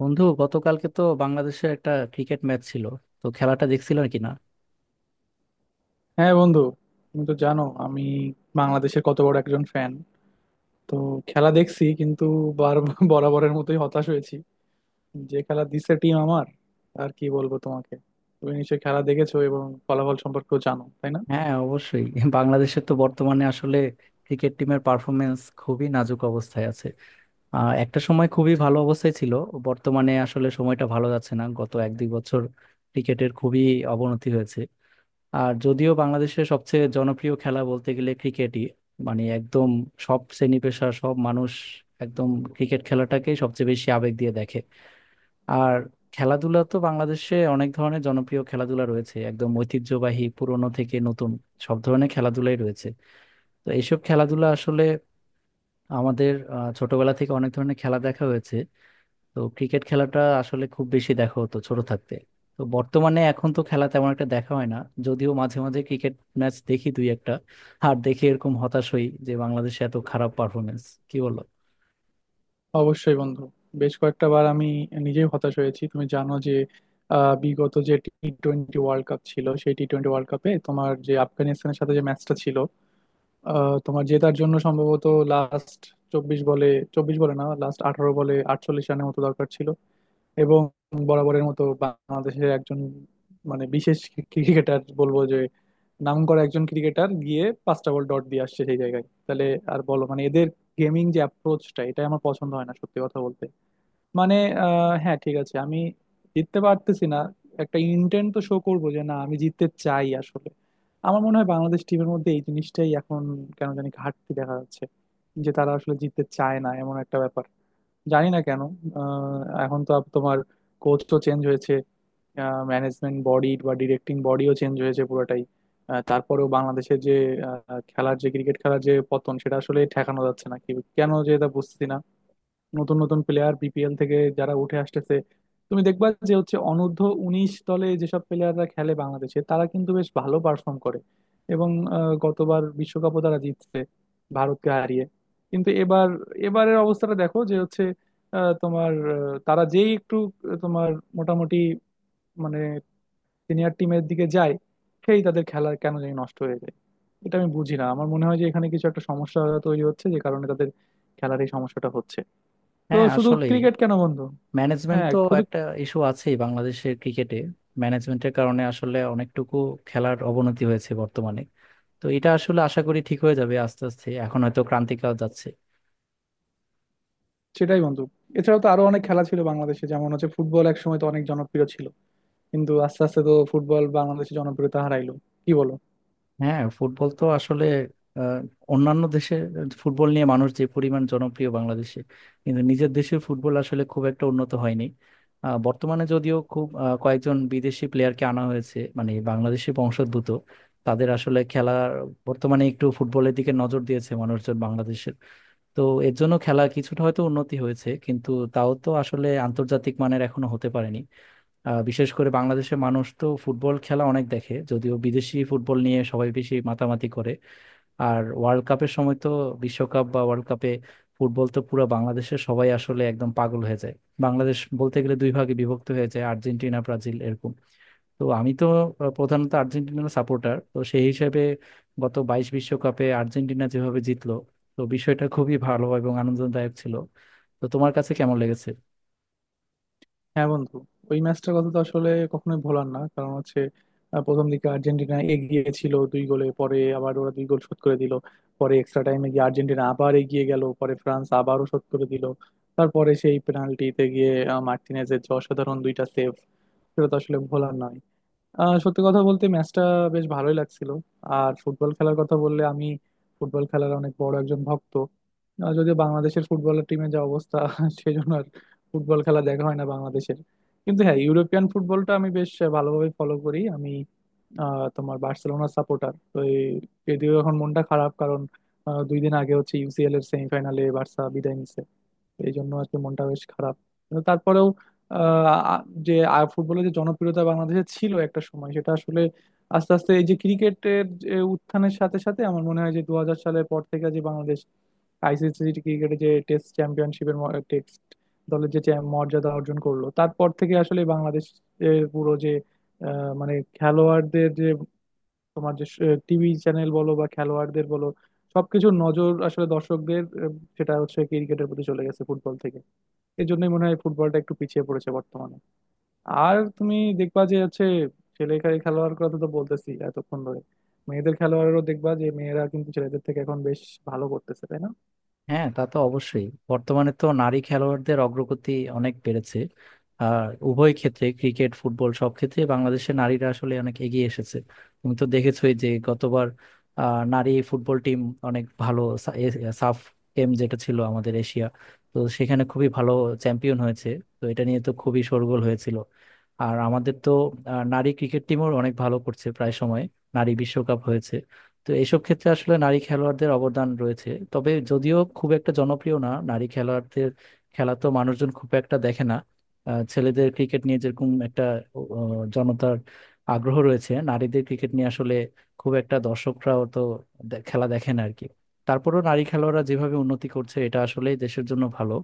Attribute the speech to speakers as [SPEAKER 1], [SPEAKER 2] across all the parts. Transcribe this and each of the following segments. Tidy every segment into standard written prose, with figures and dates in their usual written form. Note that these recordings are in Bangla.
[SPEAKER 1] বন্ধু, গতকালকে তো বাংলাদেশের একটা ক্রিকেট ম্যাচ ছিল। তো খেলাটা দেখছিল নাকি না?
[SPEAKER 2] হ্যাঁ বন্ধু, তুমি তো জানো আমি বাংলাদেশের কত বড় একজন ফ্যান। তো খেলা দেখছি, কিন্তু বার বরাবরের মতোই হতাশ হয়েছি, যে খেলা দিছে টিম আমার। আর কি বলবো তোমাকে? তুমি নিশ্চয়ই খেলা দেখেছো এবং ফলাফল সম্পর্কেও জানো, তাই না?
[SPEAKER 1] হ্যাঁ, অবশ্যই। বাংলাদেশের তো বর্তমানে আসলে ক্রিকেট টিমের পারফরমেন্স খুবই নাজুক অবস্থায় আছে। একটা সময় খুবই ভালো অবস্থায় ছিল। বর্তমানে আসলে সময়টা ভালো যাচ্ছে না, গত এক দুই বছর ক্রিকেটের খুবই অবনতি হয়েছে। আর যদিও বাংলাদেশের সবচেয়ে জনপ্রিয় খেলা বলতে গেলে ক্রিকেটই, মানে একদম সব শ্রেণী পেশা সব মানুষ একদম ক্রিকেট খেলাটাকেই সবচেয়ে বেশি আবেগ দিয়ে দেখে। আর খেলাধুলা তো বাংলাদেশে অনেক ধরনের জনপ্রিয় খেলাধুলা রয়েছে, একদম ঐতিহ্যবাহী পুরনো থেকে নতুন সব ধরনের খেলাধুলাই রয়েছে। তো এইসব খেলাধুলা আসলে আমাদের ছোটবেলা থেকে অনেক ধরনের খেলা দেখা হয়েছে। তো ক্রিকেট খেলাটা আসলে খুব বেশি দেখা হতো ছোট থাকতে। তো বর্তমানে এখন তো খেলা তেমন একটা দেখা হয় না, যদিও মাঝে মাঝে ক্রিকেট ম্যাচ দেখি দুই একটা। আর দেখে এরকম হতাশ হই যে বাংলাদেশে এত খারাপ পারফরমেন্স। কি বলো?
[SPEAKER 2] অবশ্যই বন্ধু, বেশ কয়েকটা বার আমি নিজেই হতাশ হয়েছি। তুমি জানো যে বিগত যে টি20 ওয়ার্ল্ড কাপ ছিল, সেই টি20 ওয়ার্ল্ড কাপে তোমার যে আফগানিস্তানের সাথে যে ম্যাচটা ছিল, তোমার জেতার জন্য সম্ভবত লাস্ট 24 বলে, 24 বলে না, লাস্ট 18 বলে 48 রানের মতো দরকার ছিল। এবং বরাবরের মতো বাংলাদেশের একজন, মানে বিশেষ ক্রিকেটার বলবো যে, নাম করা একজন ক্রিকেটার গিয়ে পাঁচটা বল ডট দিয়ে আসছে সেই জায়গায়। তাহলে আর বলো, মানে এদের গেমিং যে অ্যাপ্রোচটা, এটা আমার পছন্দ হয় না সত্যি কথা বলতে। মানে হ্যাঁ ঠিক আছে, আমি জিততে পারতেছি না, একটা ইন্টেন্ট তো শো করবো যে না, আমি জিততে চাই আসলে। আমার মনে হয় বাংলাদেশ টিমের মধ্যে এই জিনিসটাই এখন কেন জানি ঘাটতি দেখা যাচ্ছে, যে তারা আসলে জিততে চায় না, এমন একটা ব্যাপার। জানি না কেন। আহ, এখন তো তোমার কোচ তো চেঞ্জ হয়েছে, ম্যানেজমেন্ট বডি বা ডিরেক্টিং বডিও চেঞ্জ হয়েছে পুরোটাই। তারপরেও বাংলাদেশের যে খেলার যে, ক্রিকেট খেলার যে পতন, সেটা আসলে ঠেকানো যাচ্ছে না কি, কেন যে এটা বুঝতেছি না। নতুন নতুন প্লেয়ার বিপিএল থেকে যারা উঠে আসতেছে, তুমি দেখবা যে হচ্ছে, অনূর্ধ্ব 19 দলে যেসব প্লেয়াররা খেলে বাংলাদেশে, তারা কিন্তু বেশ ভালো পারফর্ম করে। এবং গতবার বিশ্বকাপও তারা জিতছে ভারতকে হারিয়ে। কিন্তু এবার, এবারের অবস্থাটা দেখো যে হচ্ছে আহ, তোমার আহ, তারা যেই একটু আহ, তোমার মোটামুটি, মানে, সিনিয়র টিমের দিকে যায়, সেই তাদের খেলা কেন জানি নষ্ট হয়ে যায়। এটা আমি বুঝি না। আমার মনে হয় যে এখানে কিছু একটা সমস্যা তৈরি হচ্ছে, যে কারণে তাদের খেলার এই সমস্যাটা হচ্ছে। তো
[SPEAKER 1] হ্যাঁ,
[SPEAKER 2] শুধু
[SPEAKER 1] আসলেই।
[SPEAKER 2] ক্রিকেট কেন বন্ধু?
[SPEAKER 1] ম্যানেজমেন্ট
[SPEAKER 2] হ্যাঁ,
[SPEAKER 1] তো
[SPEAKER 2] শুধু।
[SPEAKER 1] একটা ইস্যু আছেই বাংলাদেশের ক্রিকেটে। ম্যানেজমেন্টের কারণে আসলে অনেকটুকু খেলার অবনতি হয়েছে বর্তমানে। তো এটা আসলে আশা করি ঠিক হয়ে যাবে আস্তে আস্তে, এখন হয়তো ক্রান্তিকাল যাচ্ছে।
[SPEAKER 2] সেটাই বন্ধু, এছাড়াও তো আরো অনেক খেলা ছিল বাংলাদেশে, যেমন হচ্ছে ফুটবল। এক সময় তো অনেক জনপ্রিয় ছিল, কিন্তু আস্তে আস্তে তো ফুটবল বাংলাদেশে জনপ্রিয়তা হারাইলো। কি বলো?
[SPEAKER 1] হ্যাঁ, ফুটবল তো আসলে আহ, অন্যান্য দেশের ফুটবল নিয়ে মানুষ যে পরিমাণ জনপ্রিয় বাংলাদেশে, কিন্তু নিজের দেশের ফুটবল আসলে খুব একটা উন্নত হয়নি। বর্তমানে যদিও খুব কয়েকজন বিদেশি প্লেয়ারকে আনা হয়েছে, মানে বাংলাদেশি বংশোদ্ভূত, তাদের আসলে খেলার বর্তমানে একটু ফুটবলের দিকে নজর দিয়েছে মানুষজন বাংলাদেশের। তো এর জন্য খেলা কিছুটা হয়তো উন্নতি হয়েছে, কিন্তু তাও তো আসলে আন্তর্জাতিক মানের এখনো হতে পারেনি। বিশেষ করে বাংলাদেশের মানুষ তো ফুটবল খেলা অনেক দেখে, যদিও বিদেশি ফুটবল নিয়ে সবাই বেশি মাতামাতি করে। আর ওয়ার্ল্ড কাপের সময় তো, বিশ্বকাপ বা ওয়ার্ল্ড কাপে ফুটবল তো পুরো বাংলাদেশের সবাই আসলে একদম পাগল হয়ে যায়। বাংলাদেশ বলতে গেলে দুই ভাগে বিভক্ত হয়ে যায়, আর্জেন্টিনা, ব্রাজিল এরকম। তো আমি তো প্রধানত আর্জেন্টিনার সাপোর্টার, তো সেই হিসেবে গত 22 বিশ্বকাপে আর্জেন্টিনা যেভাবে জিতলো, তো বিষয়টা খুবই ভালো এবং আনন্দদায়ক ছিল। তো তোমার কাছে কেমন লেগেছে?
[SPEAKER 2] হ্যাঁ বন্ধু, ওই ম্যাচটার কথা তো আসলে কখনোই ভোলার না। কারণ হচ্ছে, প্রথম দিকে আর্জেন্টিনা এগিয়ে ছিল দুই গোলে, পরে আবার ওরা দুই গোল শোধ করে দিল। পরে এক্সট্রা টাইমে গিয়ে আর্জেন্টিনা আবার এগিয়ে গেল, পরে ফ্রান্স আবারও শোধ করে দিল। তারপরে সেই পেনাল্টিতে গিয়ে মার্টিনেজের যে অসাধারণ দুইটা সেভ, সেটা তো আসলে ভোলার না। সত্যি কথা বলতে, ম্যাচটা বেশ ভালোই লাগছিল। আর ফুটবল খেলার কথা বললে, আমি ফুটবল খেলার অনেক বড় একজন ভক্ত। যদিও বাংলাদেশের ফুটবলের টিমে যা অবস্থা সেই জন্য আর ফুটবল খেলা দেখা হয় না বাংলাদেশের। কিন্তু হ্যাঁ, ইউরোপিয়ান ফুটবলটা আমি বেশ ভালোভাবে ফলো করি আমি। তোমার বার্সেলোনা সাপোর্টার তো যদিও এখন মনটা খারাপ, কারণ 2 দিন আগে হচ্ছে ইউসিএল এর সেমিফাইনালে বার্সা বিদায় নিছে। এই জন্য আর কি মনটা বেশ খারাপ। কিন্তু তারপরেও আহ, আ- যে ফুটবলের যে জনপ্রিয়তা বাংলাদেশে ছিল একটা সময়, সেটা আসলে আস্তে আস্তে, এই যে ক্রিকেটের যে উত্থানের সাথে সাথে, আমার মনে হয় যে 2000 সালের পর থেকে, যে বাংলাদেশ আইসিসি ক্রিকেটে যে টেস্ট চ্যাম্পিয়নশিপের, টেস্ট দলের যে মর্যাদা অর্জন করলো, তারপর থেকে আসলে বাংলাদেশ পুরো যে মানে খেলোয়াড়দের যে, তোমার যে টিভি চ্যানেল বলো বা খেলোয়াড়দের বলো, সবকিছুর নজর আসলে দর্শকদের, সেটা হচ্ছে ক্রিকেটের প্রতি চলে গেছে ফুটবল থেকে। এই জন্যই মনে হয় ফুটবলটা একটু পিছিয়ে পড়েছে বর্তমানে। আর তুমি দেখবা যে হচ্ছে, খেলোয়াড় কথা তো বলতেছি এতক্ষণ ধরে, মেয়েদের খেলোয়াড়েরও দেখবা, যে মেয়েরা কিন্তু ছেলেদের থেকে এখন বেশ ভালো করতেছে, তাই না?
[SPEAKER 1] হ্যাঁ, তা তো অবশ্যই। বর্তমানে তো নারী খেলোয়াড়দের অগ্রগতি অনেক বেড়েছে। আর উভয় ক্ষেত্রে ক্রিকেট, ফুটবল, সব ক্ষেত্রে বাংলাদেশের নারীরা আসলে অনেক এগিয়ে এসেছে। তুমি তো দেখেছোই যে গতবার নারী ফুটবল টিম অনেক ভালো সাফ গেম যেটা ছিল আমাদের এশিয়া, তো সেখানে খুবই ভালো চ্যাম্পিয়ন হয়েছে। তো এটা নিয়ে তো খুবই শোরগোল হয়েছিল। আর আমাদের তো নারী ক্রিকেট টিমও অনেক ভালো করছে প্রায় সময়। নারী বিশ্বকাপ হয়েছে। তো এইসব ক্ষেত্রে আসলে নারী খেলোয়াড়দের অবদান রয়েছে, তবে যদিও খুব একটা জনপ্রিয় না নারী খেলোয়াড়দের। খেলা তো মানুষজন খুব একটা দেখে না। ছেলেদের ক্রিকেট নিয়ে যেরকম একটা জনতার আগ্রহ রয়েছে, নারীদের ক্রিকেট নিয়ে আসলে খুব একটা দর্শকরাও তো খেলা দেখে না আর কি। তারপরেও নারী খেলোয়াড়রা যেভাবে উন্নতি করছে, এটা আসলে দেশের জন্য ভালো।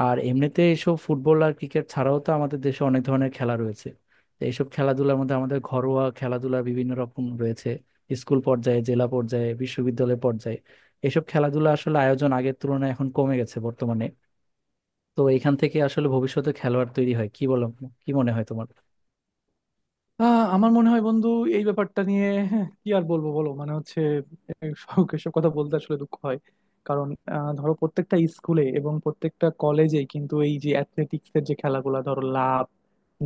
[SPEAKER 1] আর এমনিতে এসব ফুটবল আর ক্রিকেট ছাড়াও তো আমাদের দেশে অনেক ধরনের খেলা রয়েছে। তো এইসব খেলাধুলার মধ্যে আমাদের ঘরোয়া খেলাধুলা বিভিন্ন রকম রয়েছে। স্কুল পর্যায়ে, জেলা পর্যায়ে, বিশ্ববিদ্যালয় পর্যায়ে এসব খেলাধুলা আসলে আয়োজন আগের তুলনায় এখন কমে গেছে বর্তমানে। তো এখান থেকে আসলে ভবিষ্যতে খেলোয়াড় তৈরি হয় কি? বলো, কি মনে হয় তোমার?
[SPEAKER 2] আমার মনে হয় বন্ধু, এই ব্যাপারটা নিয়ে হ্যাঁ, কি আর বলবো বলো, মানে হচ্ছে সব এসব কথা বলতে আসলে দুঃখ হয়। কারণ ধরো প্রত্যেকটা স্কুলে এবং প্রত্যেকটা কলেজে কিন্তু এই যে অ্যাথলেটিক্স এর যে খেলাগুলো, ধরো লাফ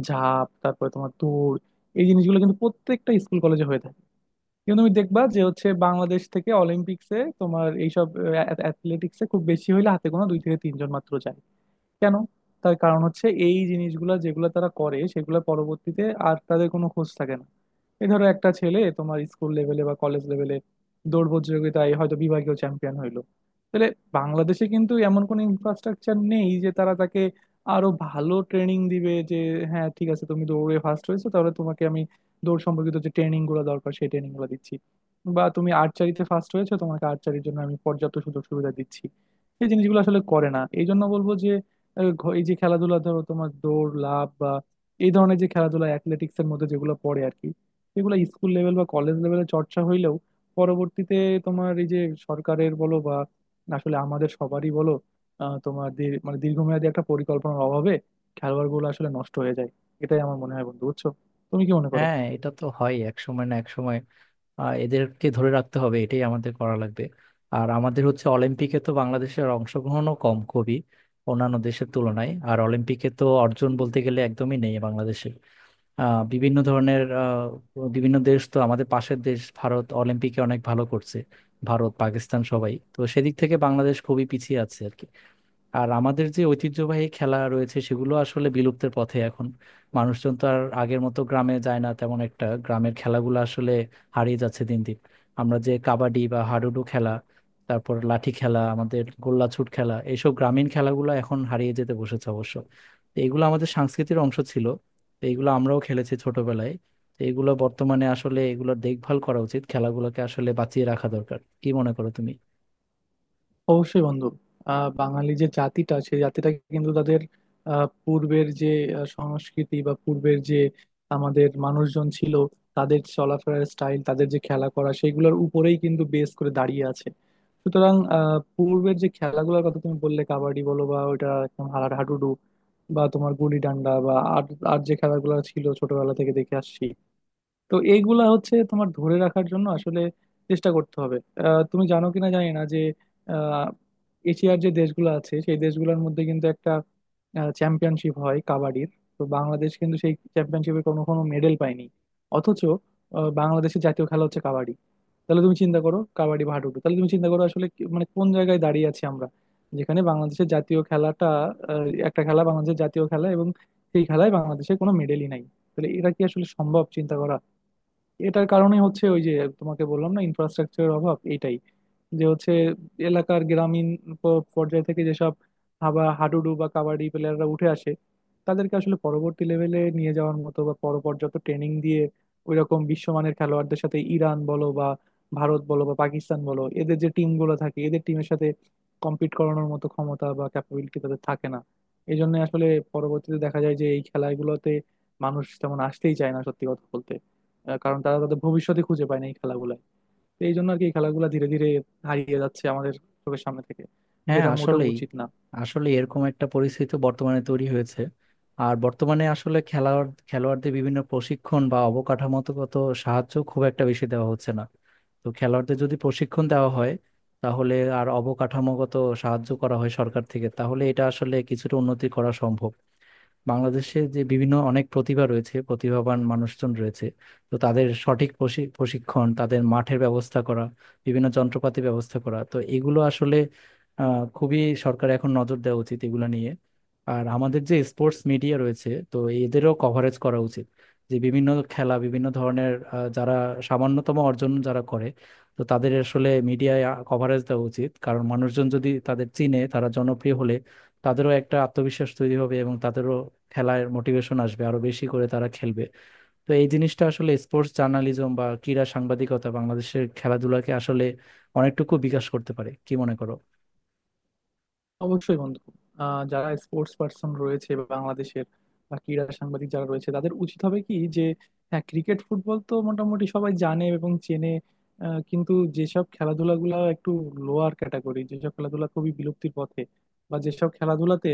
[SPEAKER 2] ঝাঁপ, তারপরে তোমার দৌড়, এই জিনিসগুলো কিন্তু প্রত্যেকটা স্কুল কলেজে হয়ে থাকে। কিন্তু তুমি দেখবা যে হচ্ছে, বাংলাদেশ থেকে অলিম্পিক্সে তোমার এইসব অ্যাথলেটিক্সে খুব বেশি হইলে হাতে গোনা দুই থেকে তিনজন মাত্র যায়। কেন? তার কারণ হচ্ছে, এই জিনিসগুলো যেগুলো তারা করে, সেগুলো পরবর্তীতে আর তাদের কোনো খোঁজ থাকে না। এই ধরো একটা ছেলে তোমার স্কুল লেভেলে বা কলেজ লেভেলে দৌড় প্রতিযোগিতায় হয়তো বিভাগীয় চ্যাম্পিয়ন হইলো। তাহলে বাংলাদেশে কিন্তু এমন কোনো ইনফ্রাস্ট্রাকচার নেই যে তারা তাকে আরো ভালো ট্রেনিং দিবে, যে হ্যাঁ ঠিক আছে, তুমি দৌড়ে ফার্স্ট হয়েছো, তাহলে তোমাকে আমি দৌড় সম্পর্কিত যে ট্রেনিং গুলো দরকার সেই ট্রেনিং গুলো দিচ্ছি, বা তুমি আর্চারিতে ফার্স্ট হয়েছো, তোমাকে আর্চারির জন্য আমি পর্যাপ্ত সুযোগ সুবিধা দিচ্ছি। এই জিনিসগুলো আসলে করে না। এই জন্য বলবো যে এই যে খেলাধুলা, ধরো তোমার দৌড় লাফ বা এই ধরনের যে খেলাধুলা অ্যাথলেটিক্স এর মধ্যে যেগুলো পড়ে আর কি, সেগুলো স্কুল লেভেল বা কলেজ লেভেলে চর্চা হইলেও পরবর্তীতে তোমার এই যে সরকারের বলো বা আসলে আমাদের সবারই বলো, মানে দীর্ঘমেয়াদী একটা পরিকল্পনার অভাবে খেলোয়াড় গুলো আসলে নষ্ট হয়ে যায়। এটাই আমার মনে হয় বন্ধু, বুঝছো? তুমি কি মনে করো?
[SPEAKER 1] হ্যাঁ, এটা তো হয়, এক সময় না এক সময় এদেরকে ধরে রাখতে হবে, এটাই আমাদের করা লাগবে। আর আমাদের হচ্ছে, অলিম্পিকে তো বাংলাদেশের অংশগ্রহণও কম খুবই, অন্যান্য দেশের তুলনায়। আর অলিম্পিকে তো অর্জন বলতে গেলে একদমই নেই বাংলাদেশের। বিভিন্ন ধরনের বিভিন্ন দেশ তো, আমাদের পাশের দেশ ভারত অলিম্পিকে অনেক ভালো করছে। ভারত, পাকিস্তান সবাই তো, সেদিক থেকে বাংলাদেশ খুবই পিছিয়ে আছে আর কি। আর আমাদের যে ঐতিহ্যবাহী খেলা রয়েছে সেগুলো আসলে বিলুপ্তের পথে এখন। মানুষজন তো আর আগের মতো গ্রামে যায় না তেমন একটা, গ্রামের খেলাগুলো আসলে হারিয়ে যাচ্ছে দিন দিন। আমরা যে কাবাডি বা হাডুডু খেলা, তারপর লাঠি খেলা, আমাদের গোল্লাছুট খেলা, এইসব গ্রামীণ খেলাগুলো এখন হারিয়ে যেতে বসেছে অবশ্য। তো এগুলো আমাদের সংস্কৃতির অংশ ছিল। তো এগুলো আমরাও খেলেছি ছোটবেলায়। তো এগুলো বর্তমানে আসলে এগুলোর দেখভাল করা উচিত, খেলাগুলোকে আসলে বাঁচিয়ে রাখা দরকার। কি মনে করো তুমি?
[SPEAKER 2] অবশ্যই বন্ধু। বাঙালি যে জাতিটা, সেই জাতিটা কিন্তু তাদের পূর্বের যে সংস্কৃতি বা পূর্বের যে আমাদের মানুষজন ছিল, তাদের চলাফেরার স্টাইল, তাদের যে খেলা করা, সেইগুলোর উপরেই কিন্তু বেস করে দাঁড়িয়ে আছে। সুতরাং পূর্বের যে খেলাগুলোর কথা তুমি বললে, কাবাডি বলো বা ওইটা একদম হাডুডু, বা তোমার গুলি ডান্ডা বা আর, আর যে খেলাগুলো ছিল ছোটবেলা থেকে দেখে আসছি, তো এইগুলা হচ্ছে তোমার ধরে রাখার জন্য আসলে চেষ্টা করতে হবে। তুমি জানো কিনা জানি না যে আহ, এশিয়ার যে দেশগুলো আছে, সেই দেশগুলোর মধ্যে কিন্তু একটা চ্যাম্পিয়নশিপ হয় কাবাডির। তো বাংলাদেশ কিন্তু সেই চ্যাম্পিয়নশিপে কোনো কোনো মেডেল পায়নি। অথচ বাংলাদেশের জাতীয় খেলা হচ্ছে কাবাডি। তাহলে তুমি চিন্তা করো, কাবাডি হাডুডু, তাহলে তুমি চিন্তা করো আসলে মানে কোন জায়গায় দাঁড়িয়ে আছি আমরা? যেখানে বাংলাদেশের জাতীয় খেলাটা, একটা খেলা বাংলাদেশের জাতীয় খেলা, এবং সেই খেলায় বাংলাদেশের কোনো মেডেলই নাই। তাহলে এটা কি আসলে সম্ভব চিন্তা করা? এটার কারণেই হচ্ছে ওই যে তোমাকে বললাম না, ইনফ্রাস্ট্রাকচারের অভাব, এইটাই। যে হচ্ছে এলাকার গ্রামীণ পর্যায় থেকে যেসব হাবা হাডুডু বা কাবাডি প্লেয়াররা উঠে আসে, তাদেরকে আসলে পরবর্তী লেভেলে নিয়ে যাওয়ার মতো বা পর্যাপ্ত ট্রেনিং দিয়ে ওইরকম বিশ্বমানের খেলোয়াড়দের সাথে, ইরান বলো বা ভারত বলো বা পাকিস্তান বলো, এদের যে টিমগুলো থাকে, এদের টিমের সাথে কম্পিট করানোর মতো ক্ষমতা বা ক্যাপাবিলিটি তাদের থাকে না। এই জন্য আসলে পরবর্তীতে দেখা যায় যে এই খেলাগুলোতে মানুষ তেমন আসতেই চায় না সত্যি কথা বলতে। কারণ তারা তাদের ভবিষ্যতে খুঁজে পায় না এই খেলাগুলায়। তো এই জন্য আর কি এই খেলাগুলো ধীরে ধীরে হারিয়ে যাচ্ছে আমাদের চোখের সামনে থেকে,
[SPEAKER 1] হ্যাঁ,
[SPEAKER 2] যেটা মোটেও
[SPEAKER 1] আসলেই।
[SPEAKER 2] উচিত না।
[SPEAKER 1] আসলে এরকম একটা পরিস্থিতি বর্তমানে তৈরি হয়েছে। আর বর্তমানে আসলে খেলোয়াড়দের বিভিন্ন প্রশিক্ষণ বা অবকাঠামোগত সাহায্য খুব একটা বেশি দেওয়া হচ্ছে না। তো খেলোয়াড়দের যদি প্রশিক্ষণ দেওয়া হয়, তাহলে আর অবকাঠামোগত সাহায্য করা হয় সরকার থেকে, তাহলে এটা আসলে কিছুটা উন্নতি করা সম্ভব। বাংলাদেশে যে বিভিন্ন অনেক প্রতিভা রয়েছে, প্রতিভাবান মানুষজন রয়েছে, তো তাদের সঠিক প্রশিক্ষণ, তাদের মাঠের ব্যবস্থা করা, বিভিন্ন যন্ত্রপাতি ব্যবস্থা করা, তো এগুলো আসলে খুবই, সরকার এখন নজর দেওয়া উচিত এগুলো নিয়ে। আর আমাদের যে স্পোর্টস মিডিয়া রয়েছে, তো এদেরও কভারেজ করা উচিত যে বিভিন্ন খেলা, বিভিন্ন ধরনের যারা সামান্যতম অর্জন যারা করে, তো তাদের আসলে মিডিয়ায় কভারেজ দেওয়া উচিত। কারণ মানুষজন যদি তাদের চিনে, তারা জনপ্রিয় হলে তাদেরও একটা আত্মবিশ্বাস তৈরি হবে এবং তাদেরও খেলার মোটিভেশন আসবে, আরো বেশি করে তারা খেলবে। তো এই জিনিসটা আসলে স্পোর্টস জার্নালিজম বা ক্রীড়া সাংবাদিকতা বাংলাদেশের খেলাধুলাকে আসলে অনেকটুকু বিকাশ করতে পারে। কি মনে করো?
[SPEAKER 2] অবশ্যই বন্ধু। যারা স্পোর্টস পার্সন রয়েছে বা বাংলাদেশের, বা ক্রীড়া সাংবাদিক যারা রয়েছে, তাদের উচিত হবে কি যে, হ্যাঁ ক্রিকেট ফুটবল তো মোটামুটি সবাই জানে এবং চেনে। কিন্তু যেসব খেলাধুলাগুলো একটু লোয়ার ক্যাটাগরি, যেসব খেলাধুলা খুবই বিলুপ্তির পথে, বা যেসব খেলাধুলাতে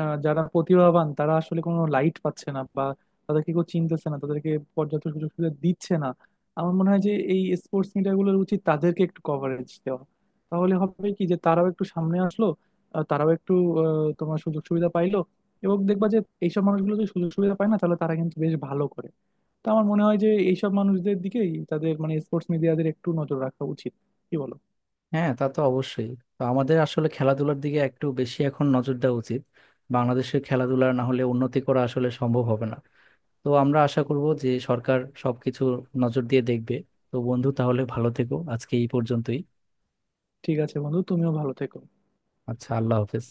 [SPEAKER 2] যারা প্রতিভাবান, তারা আসলে কোনো লাইট পাচ্ছে না, বা তাদেরকে কেউ চিনতেছে না, তাদেরকে পর্যাপ্ত সুযোগ সুবিধা দিচ্ছে না, আমার মনে হয় যে এই স্পোর্টস মিডিয়াগুলোর উচিত তাদেরকে একটু কভারেজ দেওয়া। তাহলে হবে কি যে তারাও একটু সামনে আসলো, তারাও একটু তোমার সুযোগ সুবিধা পাইলো। এবং দেখবা যে এইসব মানুষগুলো যদি সুযোগ সুবিধা পায় না, তাহলে তারা কিন্তু বেশ ভালো করে। তো আমার মনে হয় যে এইসব মানুষদের দিকেই তাদের মানে স্পোর্টস মিডিয়াদের একটু নজর রাখা উচিত। কি বলো?
[SPEAKER 1] হ্যাঁ, তা তো অবশ্যই। তো আমাদের আসলে খেলাধুলার দিকে একটু বেশি এখন নজর দেওয়া উচিত, বাংলাদেশের খেলাধুলার না হলে উন্নতি করা আসলে সম্ভব হবে না। তো আমরা আশা করব যে সরকার সবকিছু নজর দিয়ে দেখবে। তো বন্ধু, তাহলে ভালো থেকো, আজকে এই পর্যন্তই।
[SPEAKER 2] ঠিক আছে বন্ধু, তুমিও ভালো থেকো।
[SPEAKER 1] আচ্ছা, আল্লাহ হাফেজ।